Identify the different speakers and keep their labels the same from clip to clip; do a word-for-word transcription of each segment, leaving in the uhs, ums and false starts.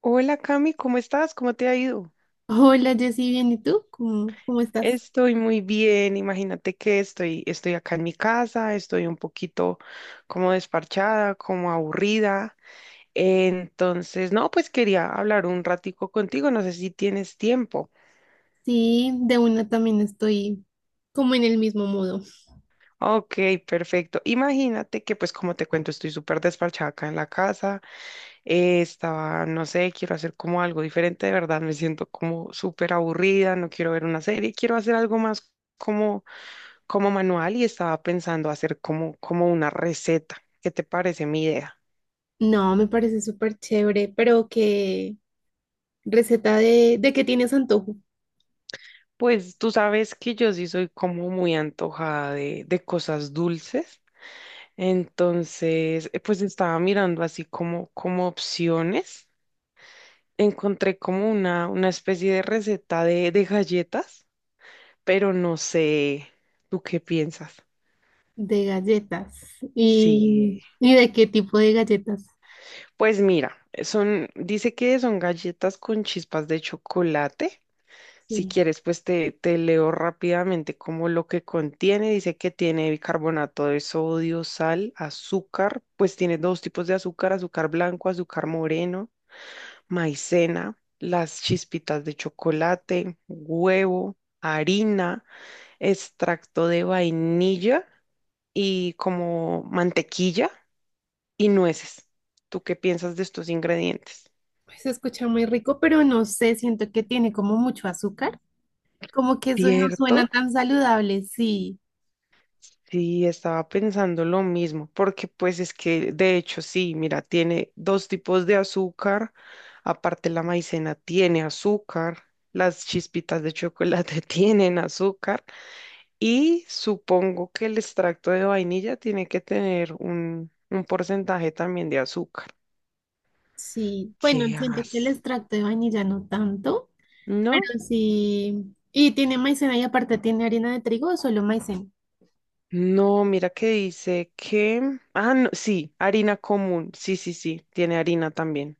Speaker 1: Hola Cami, ¿cómo estás? ¿Cómo te ha ido?
Speaker 2: Hola Jessy, bien, ¿y tú? ¿Cómo, cómo estás?
Speaker 1: Estoy muy bien, imagínate que estoy, estoy acá en mi casa, estoy un poquito como desparchada, como aburrida. Entonces, no, pues quería hablar un ratico contigo, no sé si tienes tiempo.
Speaker 2: Sí, de una también estoy como en el mismo modo.
Speaker 1: Ok, perfecto. Imagínate que pues como te cuento, estoy súper desparchada acá en la casa, eh, estaba, no sé, quiero hacer como algo diferente, de verdad, me siento como súper aburrida, no quiero ver una serie, quiero hacer algo más. como como manual y estaba pensando hacer como, como una receta. ¿Qué te parece mi idea?
Speaker 2: No, me parece súper chévere, pero qué receta de, de qué tienes antojo,
Speaker 1: Pues tú sabes que yo sí soy como muy antojada de, de cosas dulces. Entonces, eh, pues estaba mirando así como, como opciones. Encontré como una, una especie de receta de, de galletas, pero no sé, ¿tú qué piensas?
Speaker 2: de galletas.
Speaker 1: Sí,
Speaker 2: ¿Y, y de qué tipo de galletas?
Speaker 1: pues mira, son, dice que son galletas con chispas de chocolate. Si
Speaker 2: Sí,
Speaker 1: quieres, pues te, te leo rápidamente como lo que contiene. Dice que tiene bicarbonato de sodio, sal, azúcar. Pues tiene dos tipos de azúcar, azúcar blanco, azúcar moreno, maicena, las chispitas de chocolate, huevo, harina, extracto de vainilla y como mantequilla y nueces. ¿Tú qué piensas de estos ingredientes?
Speaker 2: pues se escucha muy rico, pero no sé, siento que tiene como mucho azúcar, como que eso no suena
Speaker 1: ¿Cierto?
Speaker 2: tan saludable, sí,
Speaker 1: Sí, estaba pensando lo mismo, porque pues es que de hecho sí, mira, tiene dos tipos de azúcar, aparte la maicena tiene azúcar, las chispitas de chocolate tienen azúcar y supongo que el extracto de vainilla tiene que tener un, un porcentaje también de azúcar.
Speaker 2: sí. Bueno,
Speaker 1: ¿Qué
Speaker 2: siento que el
Speaker 1: haces?
Speaker 2: extracto de vainilla no tanto. Pero
Speaker 1: ¿No?
Speaker 2: sí. ¿Y tiene maicena y aparte tiene harina de trigo o solo maicena?
Speaker 1: No, mira que dice que. Ah, no, sí, harina común, sí, sí, sí, tiene harina también.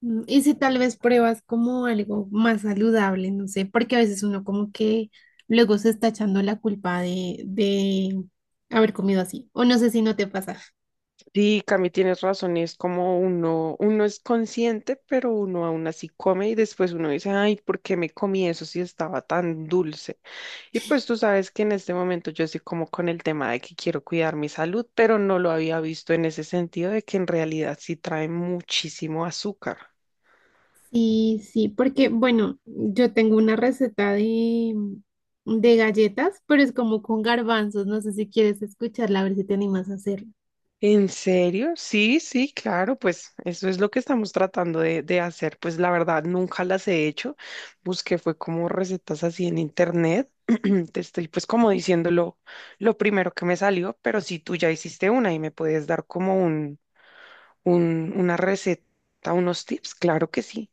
Speaker 2: Mm, Y si tal vez pruebas como algo más saludable, no sé, porque a veces uno como que luego se está echando la culpa de, de haber comido así. O no sé si no te pasa.
Speaker 1: Sí, Cami, tienes razón, es como uno, uno es consciente, pero uno aún así come y después uno dice, ay, ¿por qué me comí eso si estaba tan dulce? Y pues tú sabes que en este momento yo estoy como con el tema de que quiero cuidar mi salud, pero no lo había visto en ese sentido de que en realidad sí trae muchísimo azúcar.
Speaker 2: Sí, sí, porque bueno, yo tengo una receta de, de galletas, pero es como con garbanzos. No sé si quieres escucharla, a ver si te animas a hacerla.
Speaker 1: ¿En serio? Sí, sí, claro, pues eso es lo que estamos tratando de, de hacer. Pues la verdad, nunca las he hecho. Busqué fue como recetas así en internet. Te estoy pues como diciendo lo, lo primero que me salió, pero si tú ya hiciste una y me puedes dar como un, un, una receta, unos tips, claro que sí.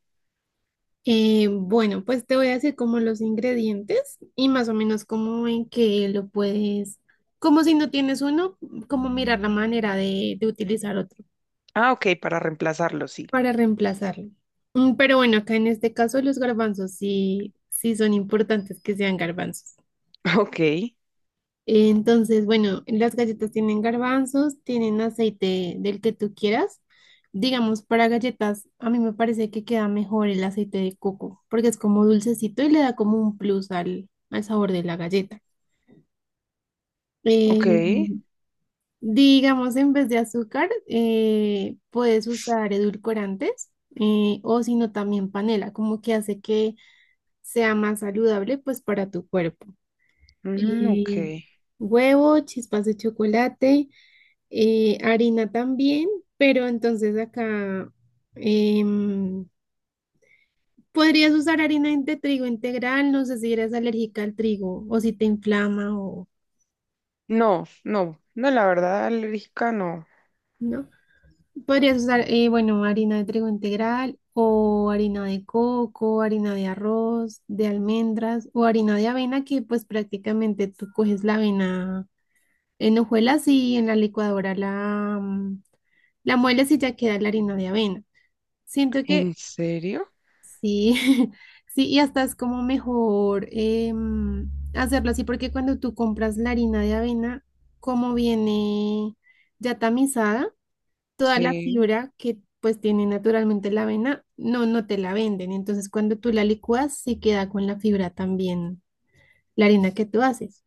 Speaker 2: Eh, bueno, pues te voy a decir como los ingredientes y más o menos como en que lo puedes, como si no tienes uno, como mirar la manera de, de utilizar otro
Speaker 1: Ah, ok, para reemplazarlo, sí.
Speaker 2: para reemplazarlo. Mm, Pero bueno, acá en este caso los garbanzos sí, sí son importantes que sean garbanzos.
Speaker 1: Ok,
Speaker 2: Entonces, bueno, las galletas tienen garbanzos, tienen aceite del que tú quieras. Digamos, para galletas, a mí me parece que queda mejor el aceite de coco, porque es como dulcecito y le da como un plus al, al sabor de la galleta.
Speaker 1: ok,
Speaker 2: Eh, digamos, en vez de azúcar, eh, puedes usar edulcorantes eh, o si no, también panela, como que hace que sea más saludable pues para tu cuerpo.
Speaker 1: mm, ok.
Speaker 2: Eh, Huevo, chispas de chocolate. Eh, harina también, pero entonces acá em, podrías usar harina de trigo integral, no sé si eres alérgica al trigo o si te inflama o
Speaker 1: No, no, no, la verdad, alérgica no.
Speaker 2: no. Podrías usar, eh, bueno, harina de trigo integral o harina de coco, harina de arroz, de almendras o harina de avena que pues prácticamente tú coges la avena en hojuelas y en la licuadora la, mm, la mueles y ya queda la harina de avena. Siento
Speaker 1: ¿En
Speaker 2: que
Speaker 1: serio?
Speaker 2: sí, sí, y hasta es como mejor em, hacerlo así, porque cuando tú compras la harina de avena, como viene ya tamizada, toda la
Speaker 1: Sí.
Speaker 2: fibra que pues tiene naturalmente la avena, no, no te la venden. Entonces, cuando tú la licúas, se queda con la fibra también, la harina que tú haces.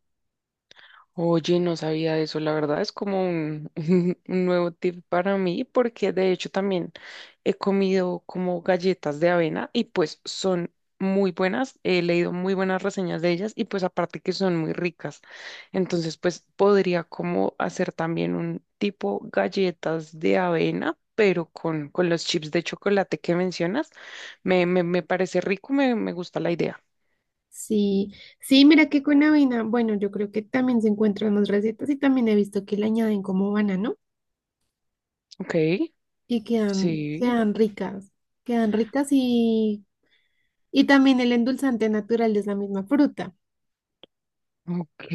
Speaker 1: Oye, no sabía eso, la verdad es como un, un nuevo tip para mí porque de hecho también he comido como galletas de avena y pues son muy buenas, he leído muy buenas reseñas de ellas y pues aparte que son muy ricas, entonces pues podría como hacer también un tipo galletas de avena, pero con, con los chips de chocolate que mencionas, me, me, me parece rico, me, me gusta la idea.
Speaker 2: Sí, sí, mira que con avena, bueno, yo creo que también se encuentran más recetas y también he visto que le añaden como banano
Speaker 1: Ok,
Speaker 2: y quedan,
Speaker 1: sí.
Speaker 2: quedan ricas. Quedan ricas y Y también el endulzante natural es la misma fruta.
Speaker 1: Ok,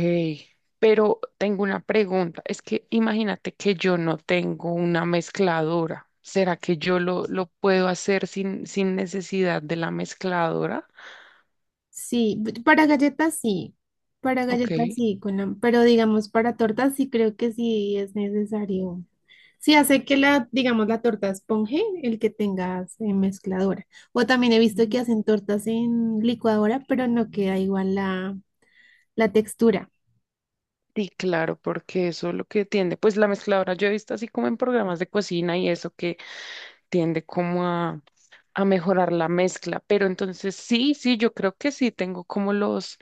Speaker 1: pero tengo una pregunta. Es que imagínate que yo no tengo una mezcladora. ¿Será que yo lo, lo puedo hacer sin, sin necesidad de la mezcladora?
Speaker 2: Sí, b- para galletas sí, para
Speaker 1: Ok.
Speaker 2: galletas sí, con la- pero digamos para tortas sí creo que sí es necesario. Sí, hace que la, digamos, la torta esponje, el que tengas en mezcladora. O también he visto
Speaker 1: Ujú.
Speaker 2: que hacen tortas en licuadora, pero no queda igual la, la textura.
Speaker 1: Sí, claro, porque eso es lo que tiende. Pues la mezcladora yo he visto así como en programas de cocina y eso que tiende como a, a mejorar la mezcla. Pero entonces sí, sí, yo creo que sí tengo como los,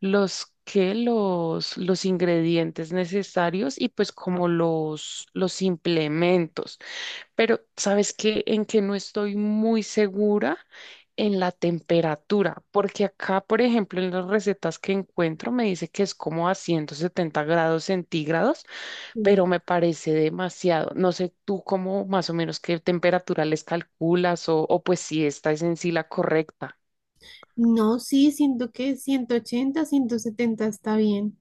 Speaker 1: los que los, los ingredientes necesarios y pues como los, los implementos. Pero ¿sabes qué? En que no estoy muy segura en la temperatura, porque acá, por ejemplo, en las recetas que encuentro me dice que es como a ciento setenta grados centígrados,
Speaker 2: Mm.
Speaker 1: pero me parece demasiado. No sé tú cómo más o menos qué temperatura les calculas o, o pues si esta es en sí la correcta.
Speaker 2: No, sí, siento que ciento ochenta, ciento setenta está bien.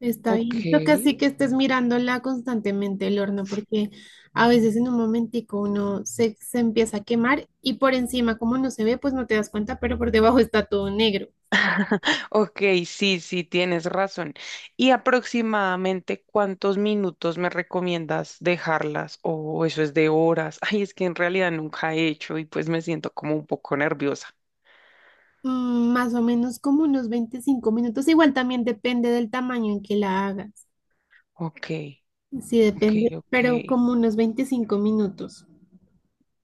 Speaker 2: Está
Speaker 1: Ok,
Speaker 2: bien. Toca sí que estés mirándola constantemente el horno, porque a veces en un momentico uno se, se empieza a quemar y por encima, como no se ve, pues no te das cuenta, pero por debajo está todo negro.
Speaker 1: ok, sí, sí, tienes razón. ¿Y aproximadamente cuántos minutos me recomiendas dejarlas? O eso es de horas. Ay, es que en realidad nunca he hecho y pues me siento como un poco nerviosa.
Speaker 2: Mm, Más o menos como unos veinticinco minutos. Igual también depende del tamaño en que la hagas.
Speaker 1: Ok,
Speaker 2: Sí,
Speaker 1: ok,
Speaker 2: depende,
Speaker 1: ok.
Speaker 2: pero como unos veinticinco minutos.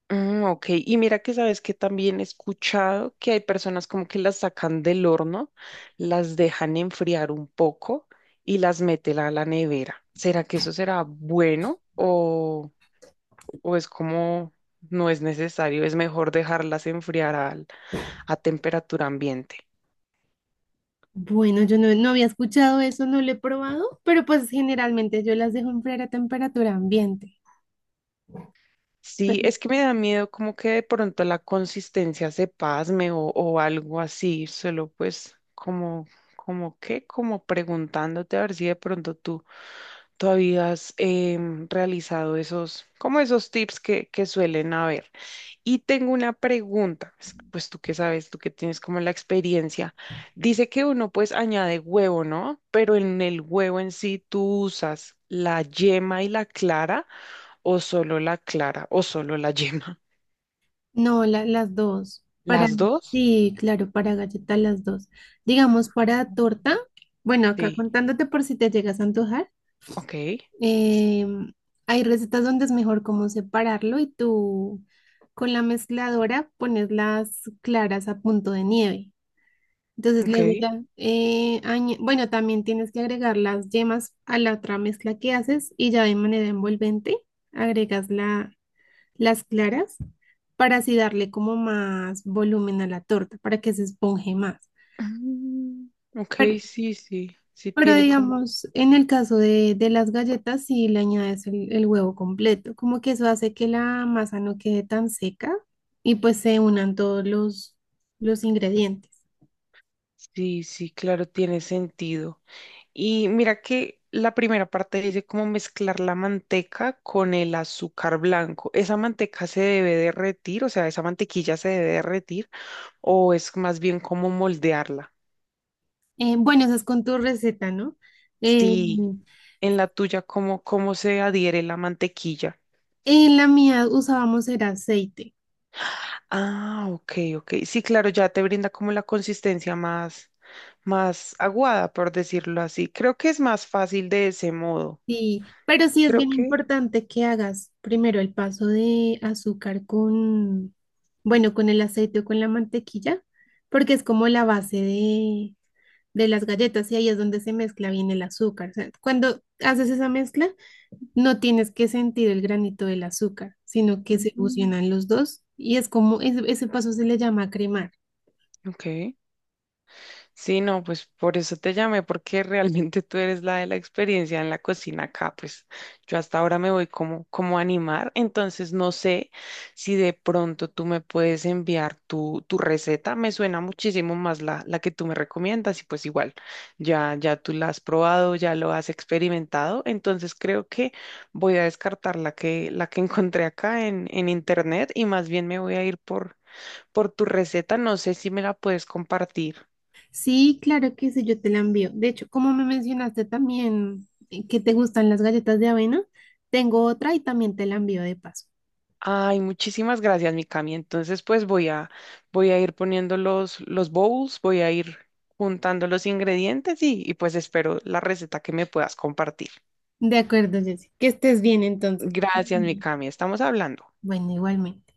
Speaker 1: Mm, ok, y mira que sabes que también he escuchado que hay personas como que las sacan del horno, las dejan enfriar un poco y las meten a la nevera. ¿Será que eso será bueno o, o es como no es necesario? Es mejor dejarlas enfriar al- a temperatura ambiente.
Speaker 2: Bueno, yo no, no había escuchado eso, no lo he probado, pero pues generalmente yo las dejo enfriar a temperatura ambiente.
Speaker 1: Sí, es que me da miedo como que de pronto la consistencia se pasme o, o algo así, solo pues como, como que, como preguntándote a ver si de pronto tú ¿Tú habías em, realizado esos, como esos tips que, que suelen haber? Y tengo una pregunta, pues pues tú que sabes, tú que tienes como la experiencia. Dice que uno pues añade huevo, ¿no? Pero en el huevo en sí tú usas la yema y la clara o solo la clara o solo la yema.
Speaker 2: No, la- las dos. Para,
Speaker 1: ¿Las dos?
Speaker 2: sí, claro, para galleta las dos. Digamos, para torta, bueno, acá
Speaker 1: Sí,
Speaker 2: contándote por si te llegas a antojar,
Speaker 1: ok,
Speaker 2: em, hay recetas donde es mejor como separarlo y tú con la mezcladora pones las claras a punto de nieve. Entonces
Speaker 1: ok.
Speaker 2: luego ya, eh, añe- bueno, también tienes que agregar las yemas a la otra mezcla que haces y ya de manera envolvente agregas la, las claras para así darle como más volumen a la torta, para que se esponje más.
Speaker 1: Mm, ok,
Speaker 2: Pero,
Speaker 1: sí, sí, sí
Speaker 2: pero
Speaker 1: tiene como.
Speaker 2: digamos, en el caso de, de las galletas, si le añades el, el huevo completo, como que eso hace que la masa no quede tan seca y pues se unan todos los, los ingredientes.
Speaker 1: Sí, sí, claro, tiene sentido. Y mira que la primera parte dice cómo mezclar la manteca con el azúcar blanco. ¿Esa manteca se debe derretir? O sea, ¿esa mantequilla se debe derretir? ¿O es más bien como moldearla?
Speaker 2: Eh, bueno, esa es con tu receta, ¿no? Eh,
Speaker 1: Sí, en la tuya, ¿cómo, cómo se adhiere la mantequilla?
Speaker 2: en la mía usábamos el aceite.
Speaker 1: Ah, ok, ok. Sí, claro, ya te brinda como la consistencia más, más aguada, por decirlo así. Creo que es más fácil de ese modo.
Speaker 2: Sí, pero sí es
Speaker 1: Creo
Speaker 2: bien
Speaker 1: que.
Speaker 2: importante que hagas primero el paso de azúcar con, bueno, con el aceite o con la mantequilla, porque es como la base de, de las galletas y ahí es donde se mezcla bien el azúcar. O sea, cuando haces esa mezcla, no tienes que sentir el granito del azúcar, sino que se
Speaker 1: Ujú.
Speaker 2: fusionan los dos y es como, ese, ese paso se le llama cremar.
Speaker 1: Ok. Sí, no, pues por eso te llamé, porque realmente tú eres la de la experiencia en la cocina acá, pues yo hasta ahora me voy como, como a animar, entonces no sé si de pronto tú me puedes enviar tu, tu receta, me suena muchísimo más la, la que tú me recomiendas y pues igual, ya, ya tú la has probado, ya lo has experimentado, entonces creo que voy a descartar la que, la que encontré acá en, en internet y más bien me voy a ir por, por tu receta, no sé si me la puedes compartir.
Speaker 2: Sí, claro que sí, yo te la envío. De hecho, como me mencionaste también eh, que te gustan las galletas de avena, tengo otra y también te la envío de paso.
Speaker 1: Ay, muchísimas gracias, Mikami. Entonces, pues voy a, voy a ir poniendo los, los bowls, voy a ir juntando los ingredientes y, y pues espero la receta que me puedas compartir.
Speaker 2: De acuerdo, Jessy. Que estés bien entonces.
Speaker 1: Gracias,
Speaker 2: Bien.
Speaker 1: Mikami. Estamos hablando.
Speaker 2: Bueno, igualmente.